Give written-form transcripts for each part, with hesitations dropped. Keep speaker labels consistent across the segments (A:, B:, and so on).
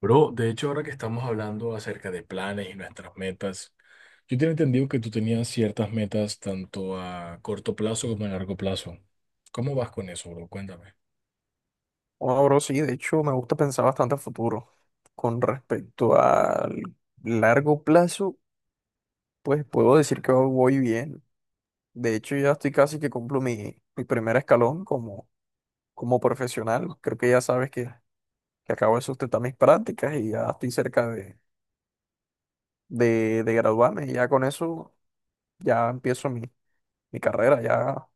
A: Bro, de hecho, ahora que estamos hablando acerca de planes y nuestras metas, yo tenía entendido que tú tenías ciertas metas tanto a corto plazo como a largo plazo. ¿Cómo vas con eso, bro? Cuéntame.
B: Bueno, bro, sí, de hecho me gusta pensar bastante a futuro. Con respecto al largo plazo, pues puedo decir que voy bien. De hecho, ya estoy casi que cumplo mi primer escalón como, como profesional. Creo que ya sabes que acabo de sustentar mis prácticas y ya estoy cerca de graduarme. Y ya con eso ya empiezo mi carrera. Ya.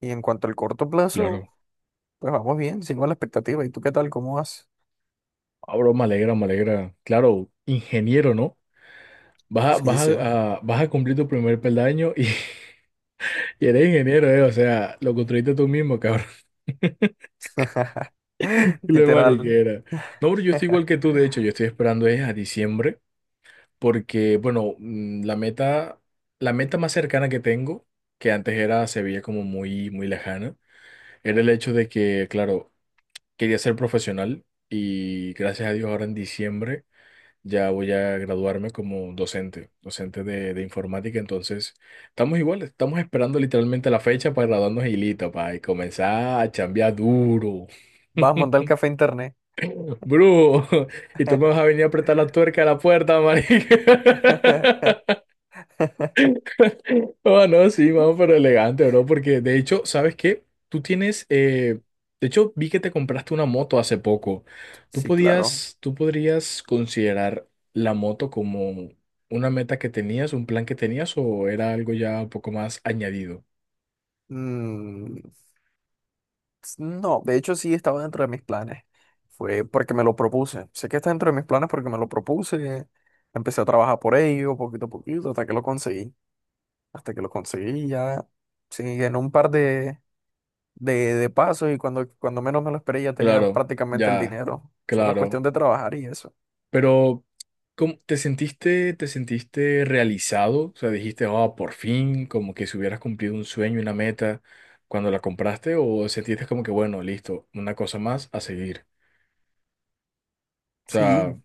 B: Y en cuanto al corto plazo,
A: Claro.
B: pues vamos bien, sigo a la expectativa. ¿Y tú qué tal? ¿Cómo vas?
A: Ah, bro, me alegra, me alegra. Claro, ingeniero, ¿no? Vas a,
B: Sí, sí.
A: vas a cumplir tu primer peldaño y, y eres ingeniero, ¿eh? O sea, lo construiste tú mismo, cabrón. La
B: Literal.
A: mariquera. No, bro, yo estoy igual que tú, de hecho, yo estoy esperando es a diciembre. Porque, bueno, la meta más cercana que tengo, que antes era, se veía como muy, muy lejana, era el hecho de que, claro, quería ser profesional y gracias a Dios ahora en diciembre ya voy a graduarme como docente, docente de informática, entonces estamos iguales, estamos esperando literalmente la fecha para graduarnos y listo, para comenzar a chambear duro.
B: Vas a montar el café internet.
A: Bro, y tú me vas a venir a apretar la tuerca a la puerta, marica. Oh, no, sí, vamos, pero elegante, bro, porque de hecho, ¿sabes qué? Tú tienes, de hecho, vi que te compraste una moto hace poco. Tú
B: Sí, claro.
A: podías, tú podrías considerar la moto como una meta que tenías, un plan que tenías, o era algo ya un poco más añadido.
B: Mm, no, de hecho sí estaba dentro de mis planes. Fue porque me lo propuse. Sé que está dentro de mis planes porque me lo propuse. Empecé a trabajar por ello, poquito a poquito, hasta que lo conseguí. Hasta que lo conseguí ya. Sí, en un par de pasos y cuando menos me lo esperé ya tenía
A: Claro,
B: prácticamente el
A: ya,
B: dinero. Solo es
A: claro.
B: cuestión de trabajar y eso.
A: Pero, ¿cómo- te sentiste realizado? O sea, dijiste, oh, por fin, como que si hubieras cumplido un sueño, una meta cuando la compraste, o sentiste como que, bueno, listo, una cosa más a seguir. O sea,
B: Sí,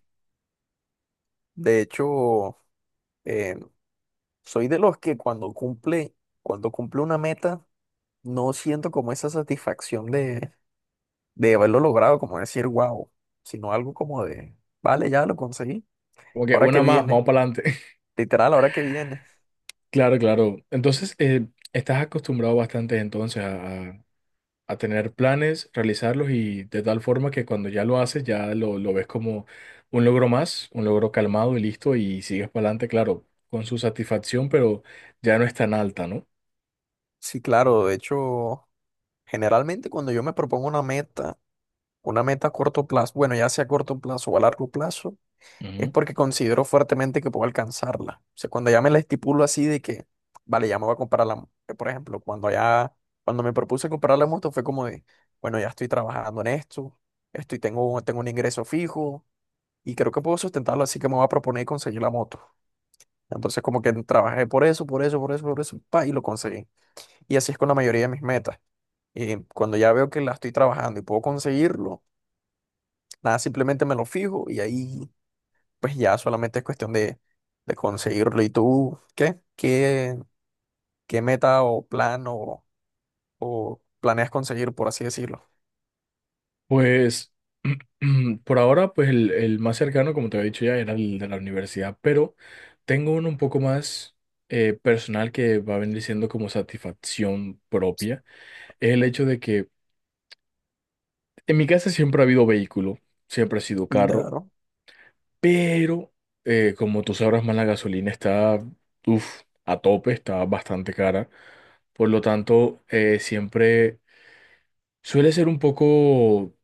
B: de hecho, eh, soy de los que cuando cumple una meta, no siento como esa satisfacción de haberlo logrado, como decir, wow, sino algo como de, vale, ya lo conseguí,
A: como que
B: ahora que
A: una más,
B: viene,
A: vamos para adelante.
B: literal, ahora que viene.
A: Claro, claro. Entonces, estás acostumbrado bastante entonces a tener planes, realizarlos y de tal forma que cuando ya lo haces, ya lo ves como un logro más, un logro calmado y listo y sigues para adelante, claro, con su satisfacción, pero ya no es tan alta, ¿no?
B: Sí, claro, de hecho, generalmente cuando yo me propongo una meta a corto plazo, bueno, ya sea a corto plazo o a largo plazo, es
A: Ujú.
B: porque considero fuertemente que puedo alcanzarla. O sea, cuando ya me la estipulo así de que, vale, ya me voy a comprar por ejemplo, cuando me propuse comprar la moto fue como de, bueno, ya estoy trabajando en esto, estoy, tengo un ingreso fijo y creo que puedo sustentarlo, así que me voy a proponer conseguir la moto. Entonces, como que trabajé por eso, por eso, por eso, por eso, pa, y lo conseguí. Y así es con la mayoría de mis metas. Cuando ya veo que la estoy trabajando y puedo conseguirlo, nada, simplemente me lo fijo y ahí pues ya solamente es cuestión de conseguirlo. ¿Y tú qué? ¿Qué, qué meta o plan o planeas conseguir, por así decirlo?
A: Pues por ahora, pues el más cercano, como te había dicho ya, era el de la universidad, pero tengo uno un poco más personal que va a venir siendo como satisfacción propia, es el hecho de que en mi casa siempre ha habido vehículo, siempre ha sido carro.
B: Claro.
A: Pero, como tú sabrás más, la gasolina está, uf, a tope, está bastante cara. Por lo tanto, siempre suele ser un poco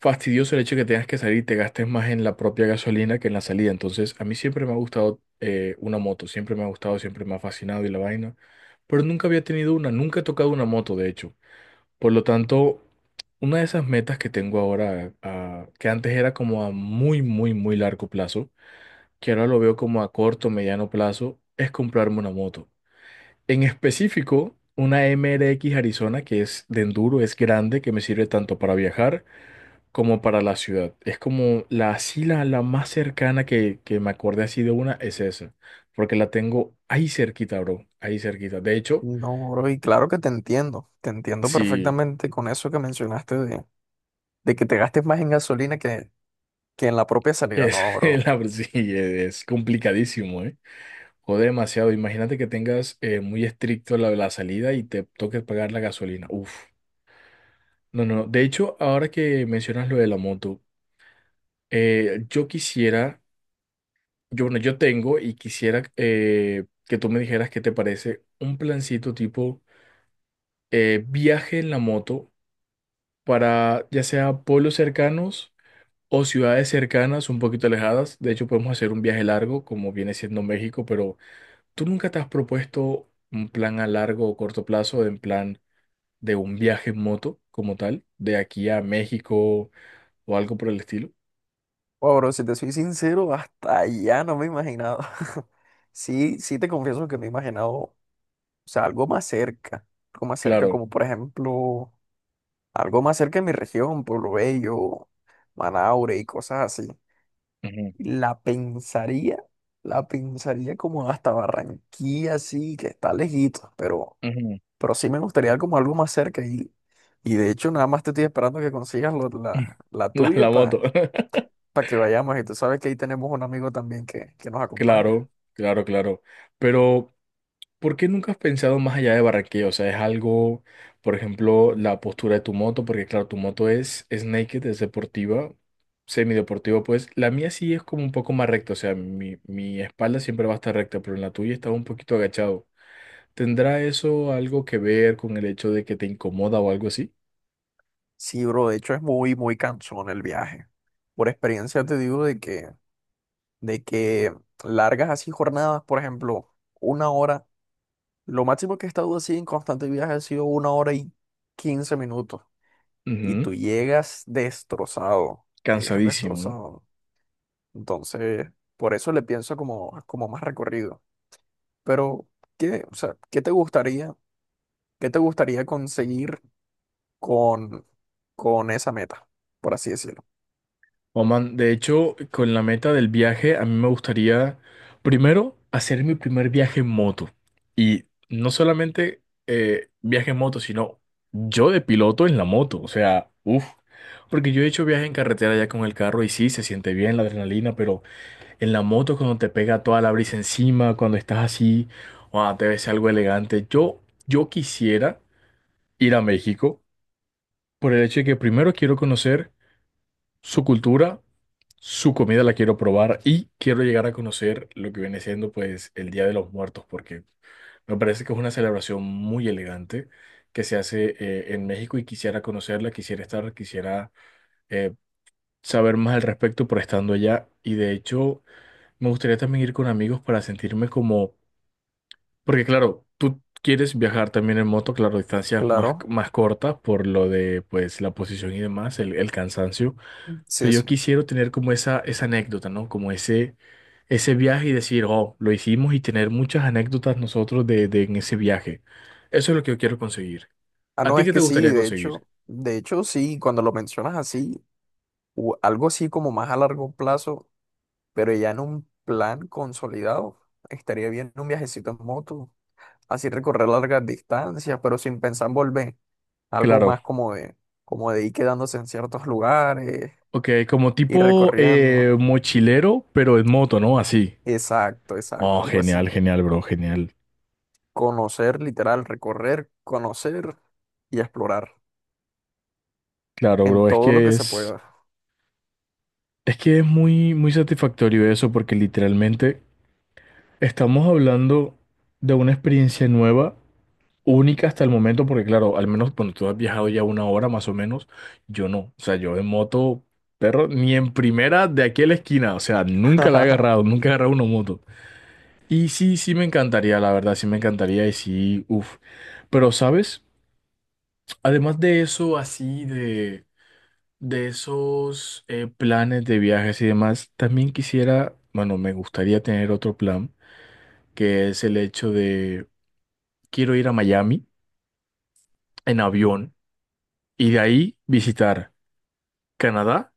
A: fastidioso el hecho de que tengas que salir y te gastes más en la propia gasolina que en la salida. Entonces, a mí siempre me ha gustado una moto, siempre me ha gustado, siempre me ha fascinado y la vaina. Pero nunca había tenido una, nunca he tocado una moto, de hecho. Por lo tanto, una de esas metas que tengo ahora, que antes era como a muy, muy, muy largo plazo que ahora lo veo como a corto, mediano plazo, es comprarme una moto. En específico, una MRX Arizona que es de enduro, es grande, que me sirve tanto para viajar como para la ciudad. Es como la, así la, la más cercana que me acordé así de una es esa, porque la tengo ahí cerquita, bro, ahí cerquita. De hecho,
B: No, bro, y claro que te entiendo
A: sí,
B: perfectamente con eso que mencionaste de que te gastes más en gasolina que en la propia salida,
A: es,
B: no, bro.
A: la, sí, es complicadísimo, ¿eh? Jode demasiado. Imagínate que tengas muy estricto la, la salida y te toques pagar la gasolina. Uf. No, no. De hecho, ahora que mencionas lo de la moto, yo quisiera, yo, bueno, yo tengo y quisiera que tú me dijeras qué te parece un plancito tipo viaje en la moto para ya sea pueblos cercanos o ciudades cercanas, un poquito alejadas. De hecho, podemos hacer un viaje largo, como viene siendo México, pero ¿tú nunca te has propuesto un plan a largo o corto plazo, en plan de un viaje en moto como tal, de aquí a México o algo por el estilo?
B: Oh, bro, si te soy sincero, hasta allá no me he imaginado. Sí, sí te confieso que me he imaginado, o sea, algo más cerca,
A: Claro.
B: como por ejemplo algo más cerca de mi región, Pueblo Bello, Manaure y cosas así.
A: Ujú,
B: La pensaría, la pensaría como hasta Barranquilla, sí, que está lejito,
A: ujú.
B: pero sí me gustaría como algo más cerca. Y de hecho, nada más te estoy esperando que consigas la, la
A: La,
B: tuya
A: la moto.
B: para que vayamos. Y tú sabes que ahí tenemos un amigo también que nos acompaña.
A: Claro, claro, claro. Pero, ¿por qué nunca has pensado más allá de Barranquilla? O sea, es algo, por ejemplo, la postura de tu moto, porque claro, tu moto es naked, es deportiva, semideportiva, pues la mía sí es como un poco más recta, o sea, mi espalda siempre va a estar recta, pero en la tuya está un poquito agachado. ¿Tendrá eso algo que ver con el hecho de que te incomoda o algo así?
B: Sí, bro, de hecho es muy, muy cansón el viaje. Por experiencia te digo de que largas así jornadas, por ejemplo, una hora. Lo máximo que he estado así en constante viaje ha sido una hora y 15 minutos. Y
A: Ujú.
B: tú llegas destrozado. Llegas
A: Cansadísimo, ¿no?
B: destrozado. Entonces, por eso le pienso como, como más recorrido. Pero, ¿qué, o sea, qué te gustaría conseguir con, con esa meta? Por así decirlo.
A: Oh, man, de hecho, con la meta del viaje, a mí me gustaría primero hacer mi primer viaje en moto. Y no solamente viaje en moto, sino yo de piloto en la moto. O sea, uff. Porque yo he hecho viaje en carretera ya con el carro y sí, se siente bien la adrenalina, pero en la moto cuando te pega toda la brisa encima, cuando estás así, wow, te ves algo elegante. Yo quisiera ir a México por el hecho de que primero quiero conocer su cultura, su comida la quiero probar y quiero llegar a conocer lo que viene siendo pues el Día de los Muertos, porque me parece que es una celebración muy elegante que se hace en México y quisiera conocerla, quisiera estar, quisiera eh, saber más al respecto por estando allá. Y de hecho, me gustaría también ir con amigos para sentirme como, porque claro, tú quieres viajar también en moto, claro, distancias más,
B: Claro,
A: más cortas por lo de pues la posición y demás, el cansancio
B: sí,
A: pero yo
B: sí.
A: quisiera tener como esa anécdota, ¿no? Como ese viaje y decir, oh, lo hicimos y tener muchas anécdotas nosotros de en ese viaje. Eso es lo que yo quiero conseguir.
B: Ah,
A: ¿A
B: no,
A: ti
B: es
A: qué te
B: que sí,
A: gustaría conseguir?
B: de hecho, sí, cuando lo mencionas así, algo así como más a largo plazo, pero ya en un plan consolidado, estaría bien un viajecito en moto, así recorrer largas distancias, pero sin pensar en volver. Algo
A: Claro.
B: más como de ir quedándose en ciertos lugares,
A: Ok, como
B: ir
A: tipo
B: recorriendo.
A: mochilero, pero en moto, ¿no? Así.
B: Exacto, exacto,
A: Oh,
B: algo así.
A: genial, genial, bro, genial.
B: Conocer, literal, recorrer, conocer y explorar
A: Claro,
B: en
A: bro,
B: todo lo que se pueda.
A: es que es muy, muy satisfactorio eso porque literalmente estamos hablando de una experiencia nueva única hasta el momento, porque claro, al menos cuando tú has viajado ya una hora más o menos, yo no. O sea, yo en moto, perro, ni en primera de aquí a la esquina. O sea, nunca la he agarrado, nunca he agarrado una moto. Y sí, sí me encantaría, la verdad, sí me encantaría y sí, uff. Pero, ¿sabes? Además de eso, así de esos planes de viajes y demás, también quisiera, bueno, me gustaría tener otro plan, que es el hecho de, quiero ir a Miami en avión y de ahí visitar. Canadá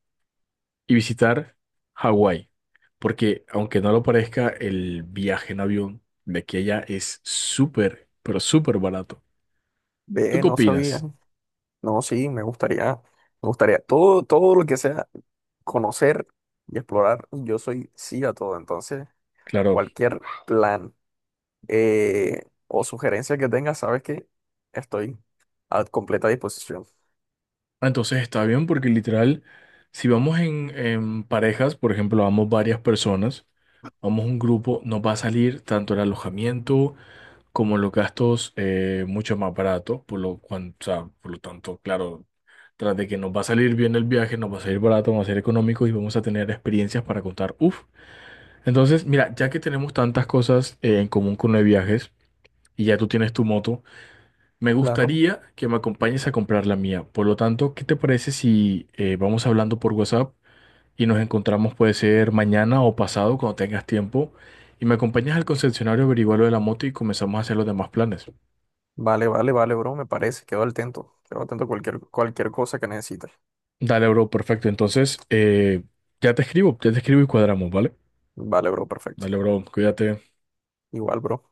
A: y visitar Hawái, porque aunque no lo parezca, el viaje en avión de aquí a allá es súper, pero súper barato. ¿Tú
B: Ve,
A: qué
B: no sabía.
A: opinas?
B: No, sí, me gustaría todo, todo lo que sea conocer y explorar. Yo soy sí a todo, entonces
A: Claro.
B: cualquier plan eh, o sugerencia que tengas, sabes que estoy a completa disposición.
A: Ah, entonces está bien porque literal, si vamos en parejas, por ejemplo, vamos varias personas, vamos un grupo, nos va a salir tanto el alojamiento, como los gastos mucho más baratos, por lo, o sea, por lo tanto, claro, tras de que nos va a salir bien el viaje, nos va a salir barato, nos va a salir económico y vamos a tener experiencias para contar. Uf. Entonces, mira, ya que tenemos tantas cosas en común con los viajes y ya tú tienes tu moto, me
B: Claro.
A: gustaría que me acompañes a comprar la mía. Por lo tanto, ¿qué te parece si vamos hablando por WhatsApp y nos encontramos, puede ser mañana o pasado, cuando tengas tiempo, y me acompañas al concesionario a averiguar lo de la moto y comenzamos a hacer los demás planes?
B: Vale, vale, vale, bro, me parece. Quedo al tanto. Quedo atento a cualquier, cualquier cosa que necesites.
A: Dale, bro, perfecto. Entonces, ya te escribo y cuadramos, ¿vale?
B: Vale, bro, perfecto.
A: Dale, bro, cuídate.
B: Igual, bro.